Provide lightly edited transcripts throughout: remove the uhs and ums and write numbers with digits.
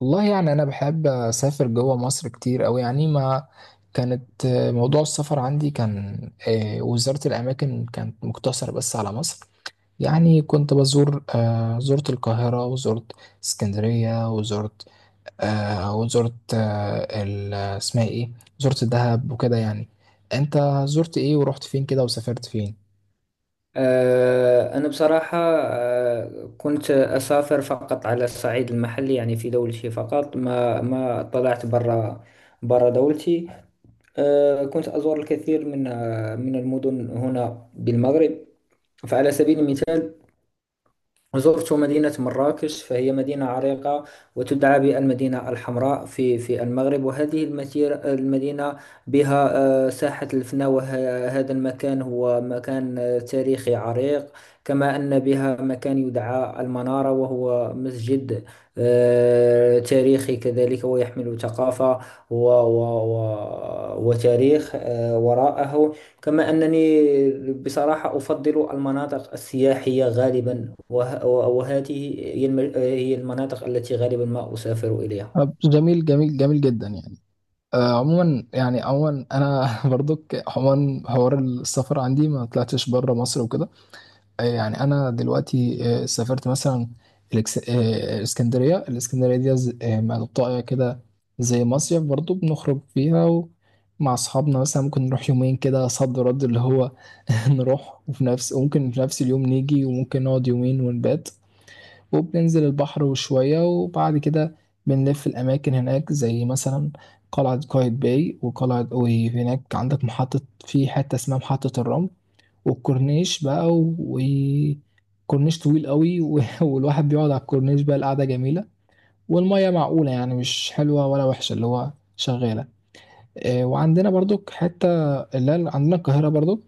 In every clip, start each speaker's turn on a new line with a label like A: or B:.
A: والله يعني انا بحب اسافر جوه مصر كتير أوي يعني. ما كانت آه، موضوع السفر عندي كان. وزارة الاماكن كانت مقتصرة بس على مصر. يعني كنت بزور، زرت القاهرة وزرت اسكندرية وزرت، اسمها ايه، زرت دهب وكده يعني. انت زرت ايه ورحت فين كده وسافرت فين؟
B: أنا بصراحة، كنت أسافر فقط على الصعيد المحلي، يعني في دولتي فقط. ما طلعت برا دولتي. كنت أزور الكثير من، من المدن هنا بالمغرب. فعلى سبيل المثال، زرت مدينة مراكش، فهي مدينة عريقة وتدعى بالمدينة الحمراء في المغرب، وهذه المثير المدينة بها ساحة الفناء، وهذا المكان هو مكان تاريخي عريق. كما أن بها مكان يدعى المنارة، وهو مسجد تاريخي كذلك، ويحمل ثقافة و وتاريخ، وراءه. كما أنني بصراحة أفضل المناطق السياحية غالبا، وهذه هي هي المناطق التي غالبا ما أسافر إليها.
A: طب، جميل جميل جميل جدا يعني. عموما يعني عموما انا برضك عموما حوار السفر عندي ما طلعتش بره مصر وكده. يعني انا دلوقتي سافرت مثلا الاسكندريه دي منطقه كده زي مصيف، برضو بنخرج فيها مع اصحابنا. مثلا ممكن نروح يومين كده صد رد اللي هو نروح وفي نفس، وممكن في نفس اليوم نيجي، وممكن نقعد يومين ونبات وبننزل البحر وشوية. وبعد كده بنلف الأماكن هناك، زي مثلا قلعة قايتباي، وقلعة، وهناك عندك محطة في حتة اسمها محطة الرمل، والكورنيش بقى، وكورنيش طويل قوي والواحد بيقعد على الكورنيش، بقى القعدة جميلة والمية معقولة، يعني مش حلوة ولا وحشة، اللي هو شغالة. وعندنا برضو حتة اللي هي عندنا القاهرة. برضو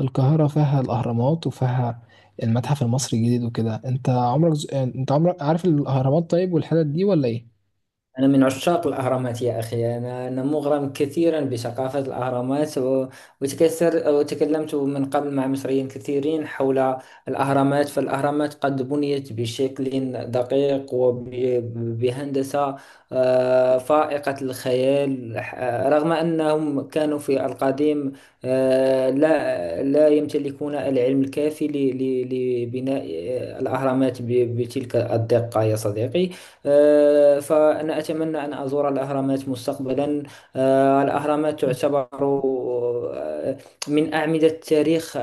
A: القاهرة فيها الأهرامات وفيها المتحف المصري الجديد وكده. انت عمرك ز... آه، انت عمرك عارف الأهرامات، طيب والحتت دي ولا ايه؟
B: أنا من عشاق الأهرامات يا أخي، أنا مغرم كثيرا بثقافة الأهرامات وتكثر وتكلمت من قبل مع مصريين كثيرين حول الأهرامات. فالأهرامات قد بنيت بشكل دقيق وبهندسة فائقة الخيال، رغم أنهم كانوا في القديم لا يمتلكون العلم الكافي لبناء الأهرامات بتلك الدقة يا صديقي. فأنا أتمنى أن أزور الأهرامات مستقبلا. الأهرامات تعتبر آه، من أعمدة تاريخ آه،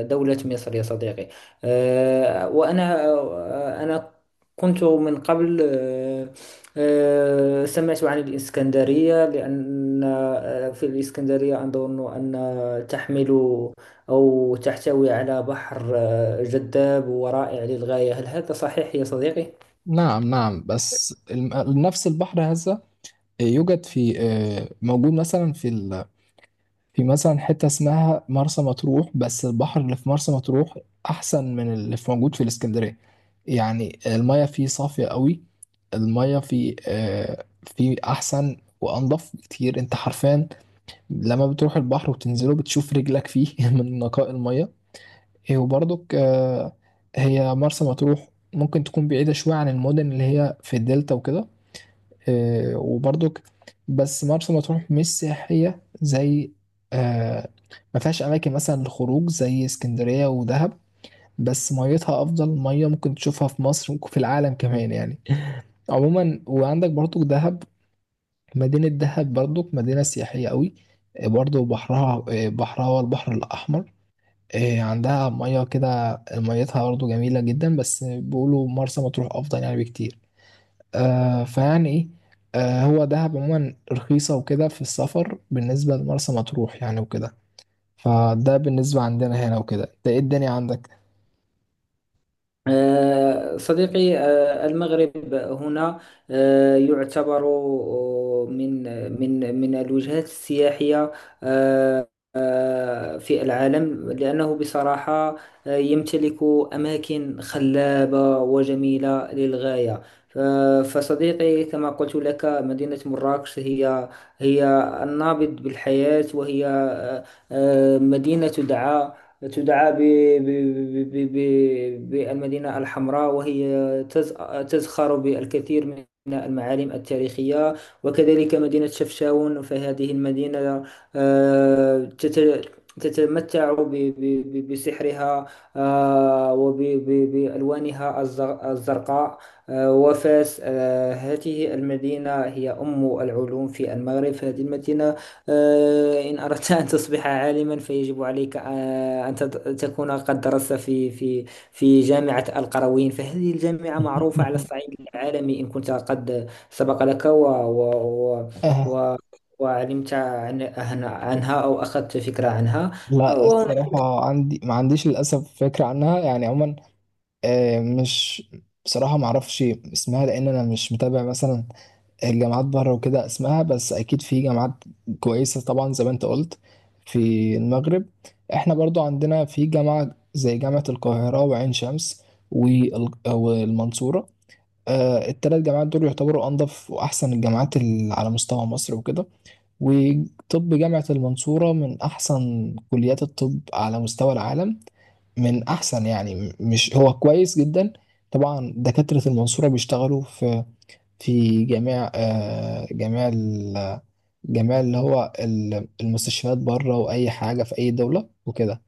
B: آه، دولة مصر يا صديقي. آه، وأنا آه، أنا كنت من قبل، سمعت عن الإسكندرية، لأن في الإسكندرية أظن أن تحمل أو تحتوي على بحر جذاب ورائع للغاية. هل هذا صحيح يا صديقي؟
A: نعم نعم. نفس البحر هذا يوجد في، موجود مثلا في مثلا حتة اسمها مرسى مطروح. بس البحر اللي في مرسى مطروح أحسن من اللي موجود في الإسكندرية. يعني المياه فيه صافية قوي، المية في أحسن وأنضف بكتير. أنت حرفيا لما بتروح البحر وتنزله بتشوف رجلك فيه من نقاء المية. إيه، وبرضك هي مرسى مطروح ممكن تكون بعيدة شوية عن المدن اللي هي في الدلتا وكده. وبرضك بس مرسى مطروح مش سياحية زي، آه، ما فيهاش أماكن مثلا للخروج زي اسكندرية ودهب. بس ميتها أفضل مية ممكن تشوفها في مصر وفي العالم كمان يعني. عموما وعندك برضو دهب، مدينة دهب برضك مدينة سياحية قوي. برضو بحرها، بحرها هو البحر الأحمر. عندها مياه كده، ميتها برضو جميلة جدا، بس بيقولوا مرسى مطروح أفضل يعني بكتير. آه، فيعني إيه آه، هو دهب عموما رخيصة وكده في السفر بالنسبة لمرسى مطروح يعني وكده. فده بالنسبة عندنا هنا وكده، ده إيه الدنيا عندك؟
B: صديقي، المغرب هنا يعتبر، من الوجهات السياحية آه، في العالم، لأنه بصراحة يمتلك أماكن خلابة وجميلة للغاية. ف- فصديقي، كما قلت لك، مدينة مراكش هي هي النابض بالحياة، وهي مدينة دعاء، تدعى ب... بالمدينة الحمراء، وهي تزخر بالكثير من المعالم التاريخية. وكذلك مدينة شفشاون، فهذه المدينة آه، تت... تتمتع بسحرها وبألوانها الزرقاء. وفاس، هذه المدينة هي أم العلوم في المغرب. فهذه المدينة، إن أردت أن تصبح عالما فيجب عليك أن تكون قد درست في في جامعة القرويين، فهذه الجامعة معروفة على الصعيد العالمي، إن كنت قد سبق لك و و و
A: آه،
B: و وعلمت عنها أو أخذت فكرة عنها.
A: لا
B: وهنا،
A: الصراحة عندي ما عنديش للأسف فكرة عنها يعني عموما. آه، مش بصراحة ما اعرفش اسمها لان انا مش متابع مثلا الجامعات بره وكده اسمها. بس اكيد في جامعات كويسة طبعا زي ما انت قلت في المغرب. احنا برضو عندنا في جامعة زي جامعة القاهرة وعين شمس والمنصورة. 3 جامعات دول يعتبروا انضف واحسن الجامعات اللي على مستوى مصر وكده. وطب جامعة المنصورة من احسن كليات الطب على مستوى العالم، من احسن يعني مش هو كويس جدا. طبعا دكاترة المنصورة بيشتغلوا في في جميع آه، جميع ال- جميع اللي هو ال- المستشفيات بره واي حاجة في اي دولة وكده.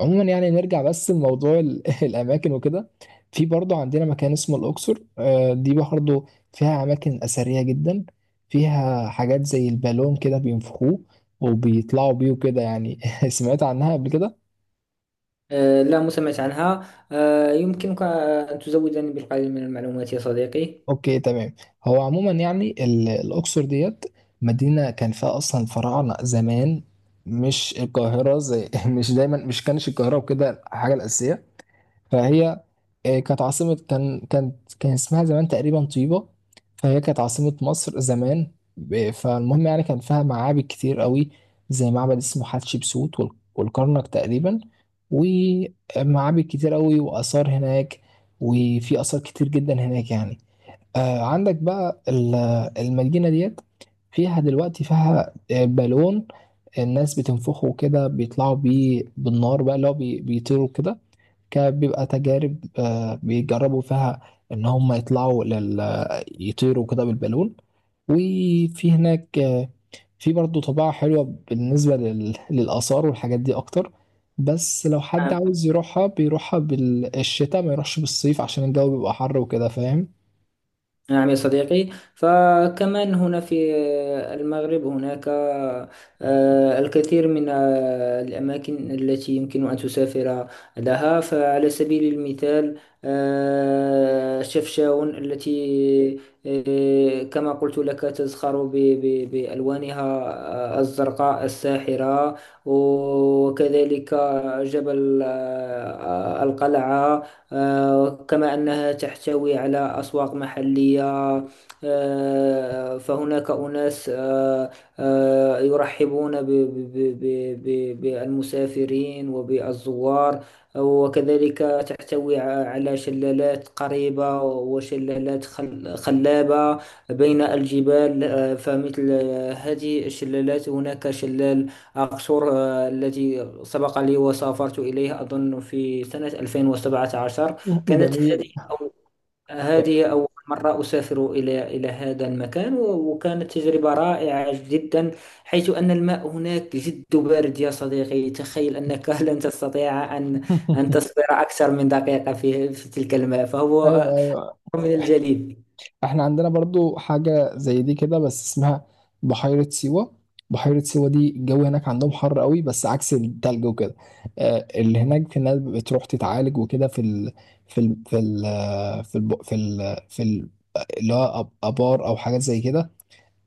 A: عموما يعني نرجع بس لموضوع الاماكن وكده. في برضه عندنا مكان اسمه الاقصر. دي برضه فيها اماكن اثرية جدا، فيها حاجات زي البالون كده بينفخوه وبيطلعوا بيه وكده يعني. سمعت عنها قبل كده؟
B: لا مسمعت عنها. يمكنك أن تزودني بالقليل من المعلومات يا صديقي.
A: اوكي تمام. هو عموما يعني الاقصر ديت مدينه كان فيها اصلا الفراعنه زمان، مش القاهره. زي مش دايما مش كانش القاهره وكده الحاجه الاساسيه. فهي كانت عاصمه، كان اسمها زمان تقريبا طيبه. فهي كانت عاصمه مصر زمان فالمهم يعني كان فيها معابد كتير قوي، زي معبد اسمه حتشبسوت والكرنك تقريبا، ومعابد كتير قوي واثار هناك. وفي اثار كتير جدا هناك يعني. آه، عندك بقى المدينة ديت فيها دلوقتي، فيها بالون الناس بتنفخه كده بيطلعوا بيه بالنار بقى، اللي هو بيطيروا كده. كان بيبقى تجارب بيجربوا فيها ان هم يطلعوا لل، يطيروا كده بالبالون. وفي هناك في برضه طباعة حلوة بالنسبة لل... للآثار والحاجات دي أكتر. بس لو حد
B: نعم.
A: عاوز يروحها بيروحها بالشتاء، ما يروحش بالصيف عشان الجو بيبقى حر وكده، فاهم؟
B: نعم يا صديقي، فكمان هنا في المغرب هناك الكثير من الأماكن التي يمكن أن تسافر لها. فعلى سبيل المثال، شفشاون التي كما قلت لك تزخر بألوانها الزرقاء الساحرة. وكذلك جبل القلعة. كما أنها تحتوي على أسواق محلية. فهناك أناس يرحبون بالمسافرين وبالزوار الأنوار. وكذلك تحتوي على شلالات قريبة وشلالات خلابة بين الجبال. فمثل هذه الشلالات، هناك شلال أقصر الذي سبق لي وسافرت إليه أظن في سنة 2017. كانت هذه
A: جميل. Yeah.
B: هذه أول مرة أسافر إلى هذا المكان وكانت تجربة رائعة جدا، حيث أن الماء هناك جد بارد يا صديقي. تخيل أنك لن تستطيع أن أن تصبر أكثر من دقيقة في تلك الماء،
A: ايوه
B: فهو
A: ايوه.
B: من الجليد.
A: احنا عندنا برضو حاجه زي دي كده، بس اسمها بحيره سيوه. بحيره سيوه دي الجو هناك عندهم حر قوي بس عكس التلج وكده. اللي هناك في الناس بتروح تتعالج وكده في ال في ال في ال في ال اللي هو ابار او حاجات زي كده.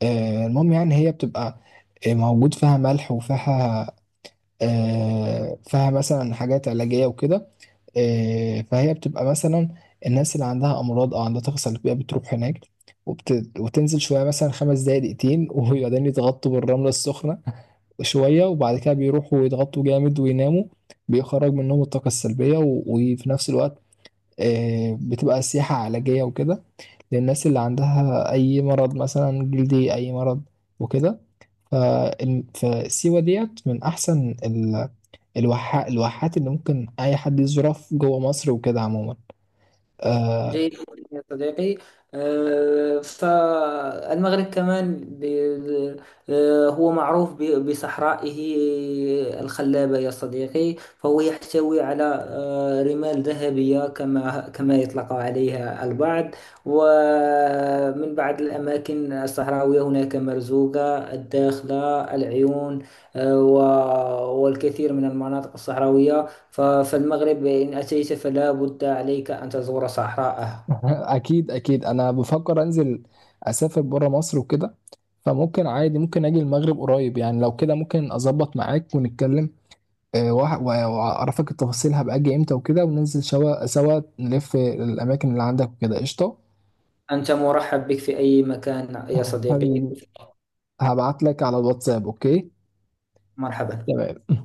A: المهم يعني هي بتبقى موجود فيها ملح وفيها، فيها مثلا حاجات علاجيه وكده. فهي بتبقى مثلا الناس اللي عندها امراض او عندها طاقه سلبيه بتروح هناك. وتنزل شويه مثلا 5 دقايق دقيقتين وبعدين يتغطوا بالرمله السخنه شويه. وبعد كده بيروحوا يتغطوا جامد ويناموا، بيخرج منهم الطاقه السلبيه. و... وفي نفس الوقت بتبقى سياحه علاجيه وكده للناس اللي عندها اي مرض مثلا جلدي اي مرض وكده. ف... فسيوة ديت من احسن ال... الواحات اللي ممكن اي حد يزورها في جوه مصر وكده عموما آه.
B: جيد يا صديقي. فالمغرب كمان هو معروف بصحرائه الخلابة يا صديقي. فهو يحتوي على رمال ذهبية كما كما يطلق عليها البعض. ومن بعض الأماكن الصحراوية هناك مرزوقة، الداخلة، العيون، والكثير من المناطق الصحراوية. فالمغرب إن أتيت فلا بد عليك أن تزور صحراءه.
A: اكيد اكيد، انا بفكر انزل اسافر بره مصر وكده. فممكن عادي ممكن اجي المغرب قريب، يعني لو كده ممكن اظبط معاك ونتكلم. واعرفك التفاصيل هبقى اجي امتى وكده، وننزل سوا سوا نلف الاماكن اللي عندك وكده. قشطه.
B: أنت مرحب بك في أي مكان يا صديقي.
A: حبيبي، هبعت لك على الواتساب. اوكي
B: مرحبا.
A: تمام.